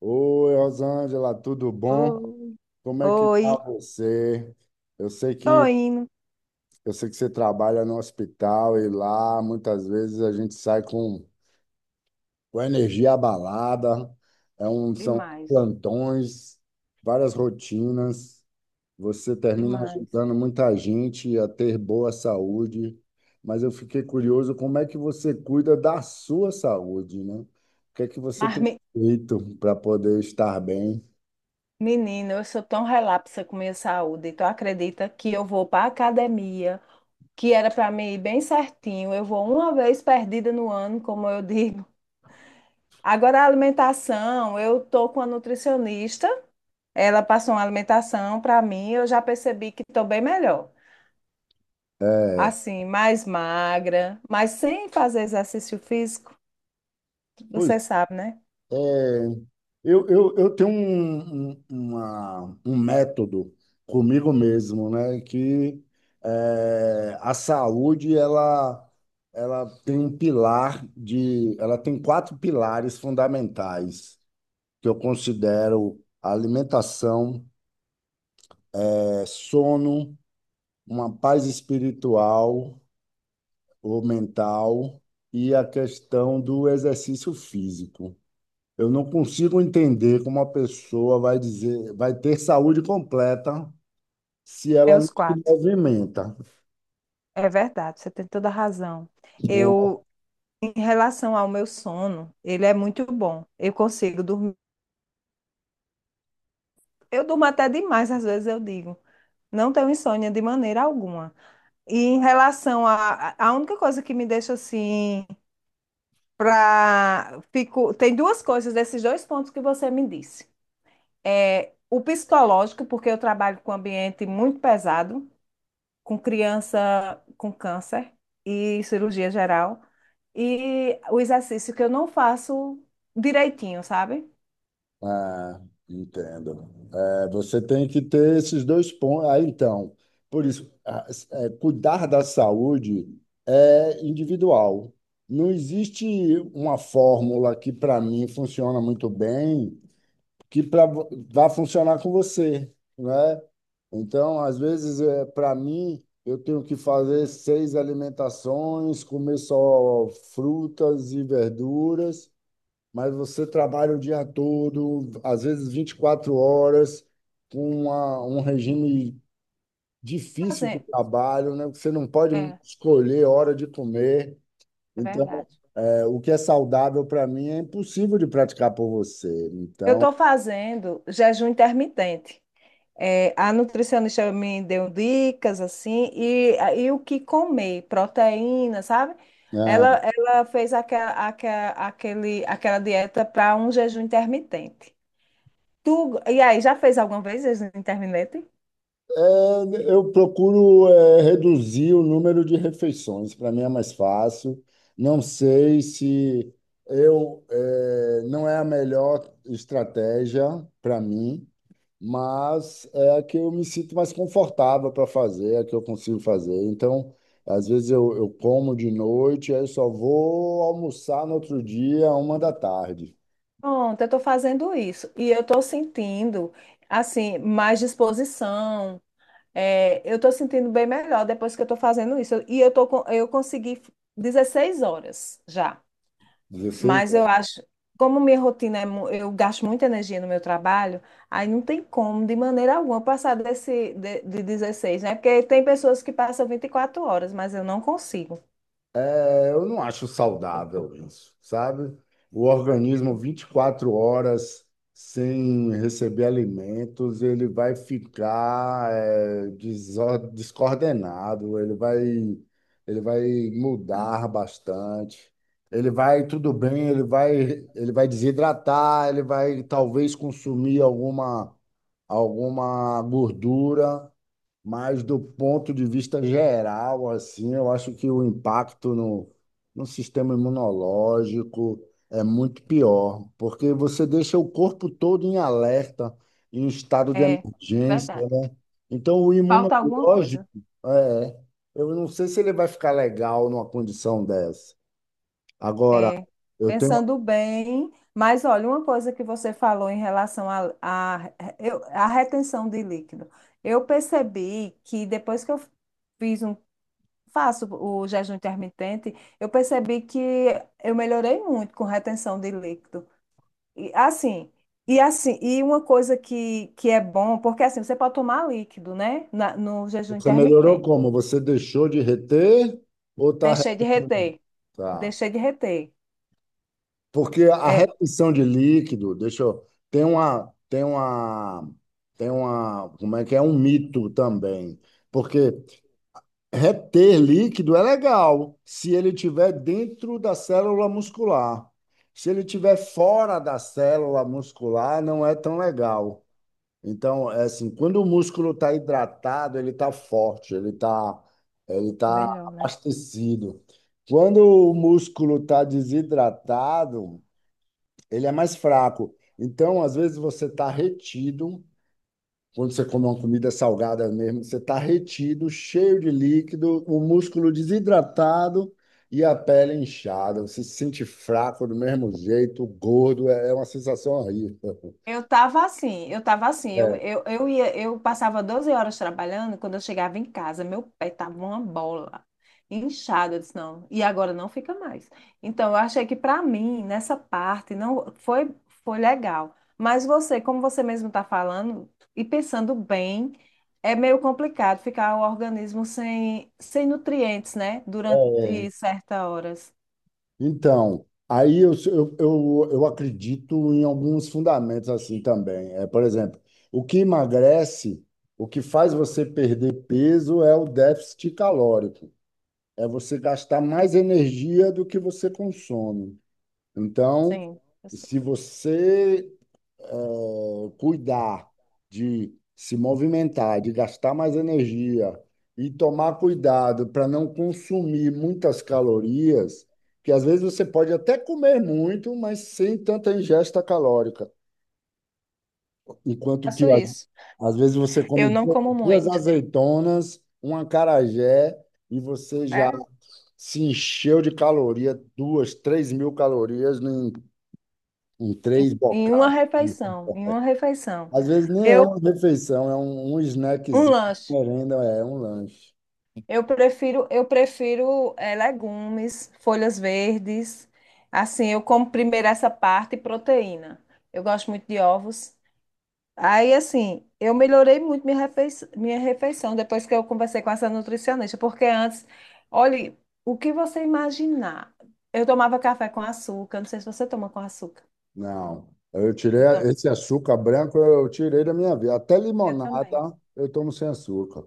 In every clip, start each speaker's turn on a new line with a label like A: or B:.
A: Oi, Rosângela, tudo bom?
B: Oi,
A: Como é que tá
B: oi.
A: você? Eu sei
B: Tô
A: que
B: indo.
A: eu sei que você trabalha no hospital e lá muitas vezes a gente sai com a energia abalada, são
B: Demais,
A: plantões, várias rotinas. Você termina
B: demais.
A: ajudando muita gente a ter boa saúde, mas eu fiquei curioso como é que você cuida da sua saúde, né? O que é que você
B: Mas,
A: tem feito para poder estar bem?
B: menina, eu sou tão relapsa com minha saúde. Tu acredita que eu vou para academia, que era para mim ir bem certinho. Eu vou uma vez perdida no ano, como eu digo. Agora a alimentação, eu tô com a nutricionista. Ela passou uma alimentação para mim, eu já percebi que tô bem melhor.
A: É,
B: Assim, mais magra, mas sem fazer exercício físico,
A: Pois
B: você sabe, né?
A: É, eu tenho um método comigo mesmo, né? A saúde, ela tem um Ela tem quatro pilares fundamentais que eu considero alimentação, sono, uma paz espiritual ou mental e a questão do exercício físico. Eu não consigo entender como uma pessoa vai dizer, vai ter saúde completa se
B: É
A: ela não
B: os
A: se
B: quatro.
A: movimenta.
B: É verdade, você tem toda a razão. Eu, em relação ao meu sono, ele é muito bom. Eu consigo dormir. Eu durmo até demais, às vezes eu digo. Não tenho insônia de maneira alguma. E em relação a única coisa que me deixa assim, tem duas coisas desses dois pontos que você me disse. É o psicológico, porque eu trabalho com um ambiente muito pesado, com criança com câncer e cirurgia geral. E o exercício que eu não faço direitinho, sabe?
A: Ah, entendo. É, você tem que ter esses dois pontos. Ah, então, por isso, ah, é, Cuidar da saúde é individual. Não existe uma fórmula que, para mim, funciona muito bem que vai funcionar com você, né? Então, às vezes, para mim, eu tenho que fazer seis alimentações, comer só frutas e verduras, mas você trabalha o dia todo, às vezes 24 horas, com um regime difícil de
B: Fazendo.
A: trabalho, né? Você não pode
B: É,
A: escolher a hora de comer.
B: é
A: Então,
B: verdade.
A: o que é saudável para mim é impossível de praticar por você.
B: Eu estou fazendo jejum intermitente. É, a nutricionista me deu dicas assim, e o que comer, proteína, sabe? Ela,
A: É,
B: ela fez aquela dieta para um jejum intermitente. E aí, já fez alguma vez jejum intermitente?
A: Eu procuro, reduzir o número de refeições, para mim é mais fácil. Não sei se não é a melhor estratégia para mim, mas é a que eu me sinto mais confortável para fazer, é a que eu consigo fazer. Então, às vezes eu como de noite, aí eu só vou almoçar no outro dia, uma da tarde.
B: Pronto, eu estou fazendo isso. E eu estou sentindo, assim, mais disposição. É, eu estou sentindo bem melhor depois que eu estou fazendo isso. E eu consegui 16 horas já.
A: 16.
B: Mas eu acho, como minha rotina é, eu gasto muita energia no meu trabalho, aí não tem como, de maneira alguma, passar desse de 16, né? Porque tem pessoas que passam 24 horas, mas eu não consigo.
A: É, eu não acho saudável isso, sabe? O organismo 24 horas sem receber alimentos, ele vai ficar descoordenado, ele vai mudar bastante. Ele vai, tudo bem, ele vai desidratar, ele vai talvez consumir alguma gordura, mas do ponto de vista geral, assim, eu acho que o impacto no sistema imunológico é muito pior, porque você deixa o corpo todo em alerta, em estado de
B: É verdade.
A: emergência, né? Então, o
B: Falta alguma
A: imunológico,
B: coisa.
A: é, eu não sei se ele vai ficar legal numa condição dessa. Agora,
B: É,
A: eu tenho,
B: pensando bem, mas olha, uma coisa que você falou em relação à retenção de líquido. Eu percebi que depois que eu fiz um, faço o jejum intermitente, eu percebi que eu melhorei muito com retenção de líquido. E assim, e assim, e uma coisa que é bom, porque assim, você pode tomar líquido, né? No jejum
A: você melhorou
B: intermitente.
A: como? Você deixou de reter ou tá?
B: Deixei de reter,
A: Tá.
B: deixei de reter.
A: Porque a
B: É,
A: retenção de líquido, deixa eu, tem uma, como é que é? Um mito também. Porque reter líquido é legal se ele estiver dentro da célula muscular. Se ele estiver fora da célula muscular, não é tão legal. Então, é assim, quando o músculo está hidratado, ele está forte, ele está ele
B: é
A: tá
B: melhor, né?
A: abastecido. Quando o músculo está desidratado, ele é mais fraco. Então, às vezes, você está retido, quando você come uma comida salgada mesmo, você está retido, cheio de líquido, o músculo desidratado e a pele inchada. Você se sente fraco do mesmo jeito, gordo, é uma sensação horrível.
B: Eu tava assim, eu passava 12 horas trabalhando, quando eu chegava em casa, meu pé tava uma bola, inchado, eu disse, não, e agora não fica mais. Então, eu achei que para mim, nessa parte, não foi, foi legal. Mas você, como você mesmo tá falando, e pensando bem, é meio complicado ficar o organismo sem nutrientes, né?
A: É,
B: Durante certas horas.
A: então, aí Eu acredito em alguns fundamentos assim também. É, por exemplo, o que emagrece, o que faz você perder peso é o déficit calórico. É você gastar mais energia do que você consome. Então,
B: Sim, eu
A: se você eh, cuidar de se movimentar, de gastar mais energia e tomar cuidado para não consumir muitas calorias, que às vezes você pode até comer muito, mas sem tanta ingesta calórica. Enquanto que
B: faço isso.
A: às vezes você
B: Eu
A: come
B: não como
A: duas
B: muito.
A: azeitonas, um acarajé e você já se encheu de caloria, duas, três mil calorias em três
B: Em uma
A: bocados.
B: refeição, em uma refeição.
A: Às vezes nem é
B: Eu,
A: uma refeição, é um
B: um
A: snackzinho,
B: lanche.
A: merenda, é um lanche.
B: Eu prefiro legumes, folhas verdes. Assim, eu como primeiro essa parte e proteína. Eu gosto muito de ovos. Aí, assim, eu melhorei muito minha refeição depois que eu conversei com essa nutricionista, porque antes, olhe, o que você imaginar? Eu tomava café com açúcar, não sei se você toma com açúcar.
A: Não, eu tirei
B: Eu, to-
A: esse açúcar branco, eu tirei da minha vida. Até
B: eu
A: limonada
B: também.
A: eu tomo sem açúcar.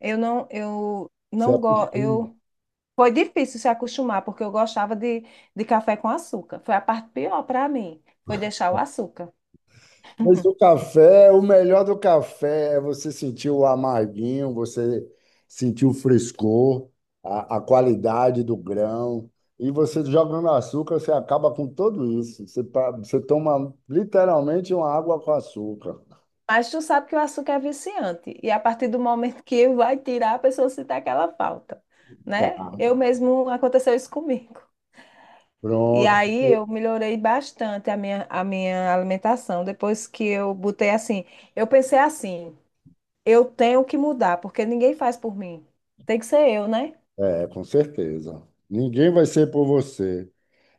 B: Eu não, eu
A: Você
B: não gosto.
A: acostuma.
B: Eu Foi difícil se acostumar, porque eu gostava de café com açúcar. Foi a parte pior para mim, foi deixar o açúcar.
A: Mas o café, o melhor do café é você sentir o amarguinho, você sentir o frescor, a qualidade do grão. E você jogando açúcar, você acaba com tudo isso. Você toma literalmente uma água com açúcar.
B: Mas tu sabe que o açúcar é viciante, e a partir do momento que vai tirar, a pessoa sente aquela falta,
A: Tá,
B: né? Eu mesmo, aconteceu isso comigo. E
A: pronto.
B: aí eu melhorei bastante a minha alimentação, depois que eu botei assim, eu pensei assim, eu tenho que mudar, porque ninguém faz por mim. Tem que ser eu, né?
A: É, com certeza. Ninguém vai ser por você.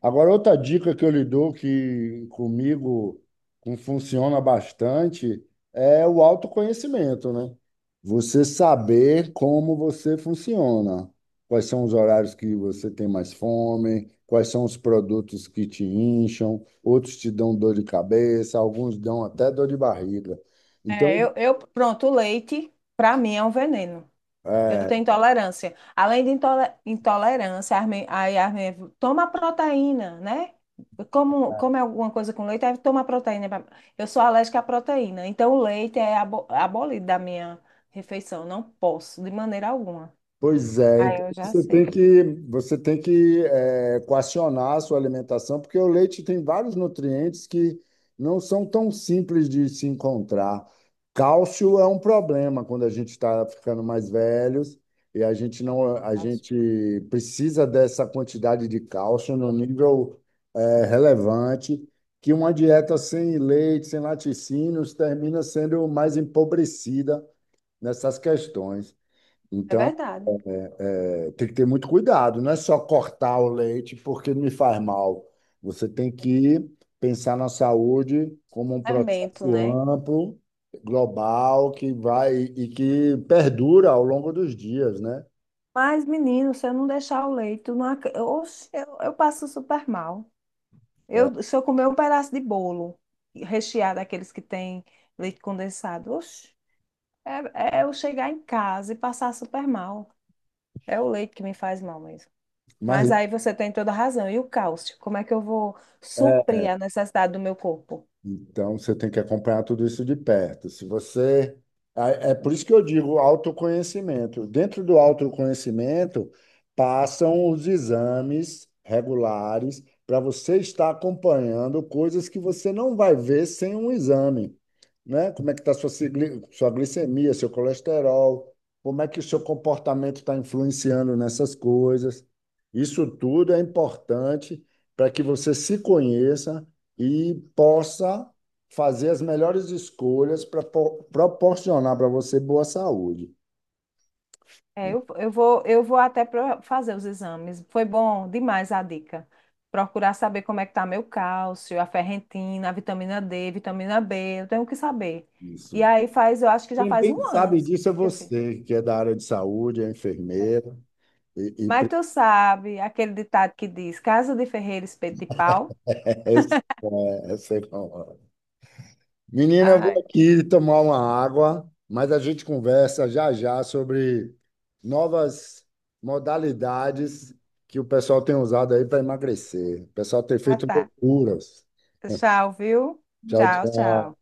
A: Agora, outra dica que eu lhe dou, que comigo funciona bastante, é o autoconhecimento, né? Você saber como você funciona, quais são os horários que você tem mais fome, quais são os produtos que te incham, outros te dão dor de cabeça, alguns dão até dor de barriga.
B: É,
A: Então,
B: pronto, o leite, para mim, é um veneno. Eu
A: é,
B: tenho intolerância. Além de intolerância, aí a Armin toma proteína, né? Como é alguma coisa com leite, aí toma proteína. Eu sou alérgica à proteína, então o leite é abolido da minha refeição. Não posso, de maneira alguma.
A: Pois é, então
B: Aí eu já sei.
A: você tem que coacionar a sua alimentação, porque o leite tem vários nutrientes que não são tão simples de se encontrar. Cálcio é um problema quando a gente está ficando mais velhos e a gente
B: É
A: não, a
B: verdade.
A: gente precisa dessa quantidade de cálcio no nível relevante, que uma dieta sem leite, sem laticínios, termina sendo mais empobrecida nessas questões.
B: É
A: Então
B: verdade.
A: tem que ter muito cuidado, não é só cortar o leite porque me faz mal. Você tem que pensar na saúde como um
B: É bento,
A: processo
B: né?
A: amplo, global, que vai e que perdura ao longo dos dias, né?
B: Mas, menino, se eu não deixar o leite, eu, não ac- oxe, eu passo super mal.
A: É.
B: Se eu comer um pedaço de bolo recheado, daqueles que tem leite condensado, oxe, é eu chegar em casa e passar super mal. É o leite que me faz mal mesmo.
A: Mas
B: Mas aí você tem toda a razão. E o cálcio? Como é que eu vou suprir
A: é,
B: a necessidade do meu corpo?
A: Então, você tem que acompanhar tudo isso de perto. Se você. É por isso que eu digo autoconhecimento. Dentro do autoconhecimento, passam os exames regulares para você estar acompanhando coisas que você não vai ver sem um exame, né? Como é que está sua glicemia, seu colesterol, como é que o seu comportamento está influenciando nessas coisas. Isso tudo é importante para que você se conheça e possa fazer as melhores escolhas para proporcionar para você boa saúde.
B: É, eu vou até fazer os exames. Foi bom demais a dica. Procurar saber como é que tá meu cálcio, a ferritina, a vitamina D, vitamina B, eu tenho que saber.
A: Isso.
B: E aí faz, eu acho que já
A: Quem
B: faz
A: bem
B: um ano
A: sabe disso é
B: que eu fiz.
A: você, que é da área de saúde, é enfermeira e
B: Mas tu sabe aquele ditado que diz: Casa de ferreiro, espeto de pau?
A: essa- essa é a. Menina, eu vou
B: Ai,
A: aqui tomar uma água, mas a gente conversa já já sobre novas modalidades que o pessoal tem usado aí para emagrecer. O pessoal tem
B: ah,
A: feito
B: tá.
A: loucuras.
B: Tchau, viu?
A: Tchau,
B: Tchau,
A: tchau.
B: tchau.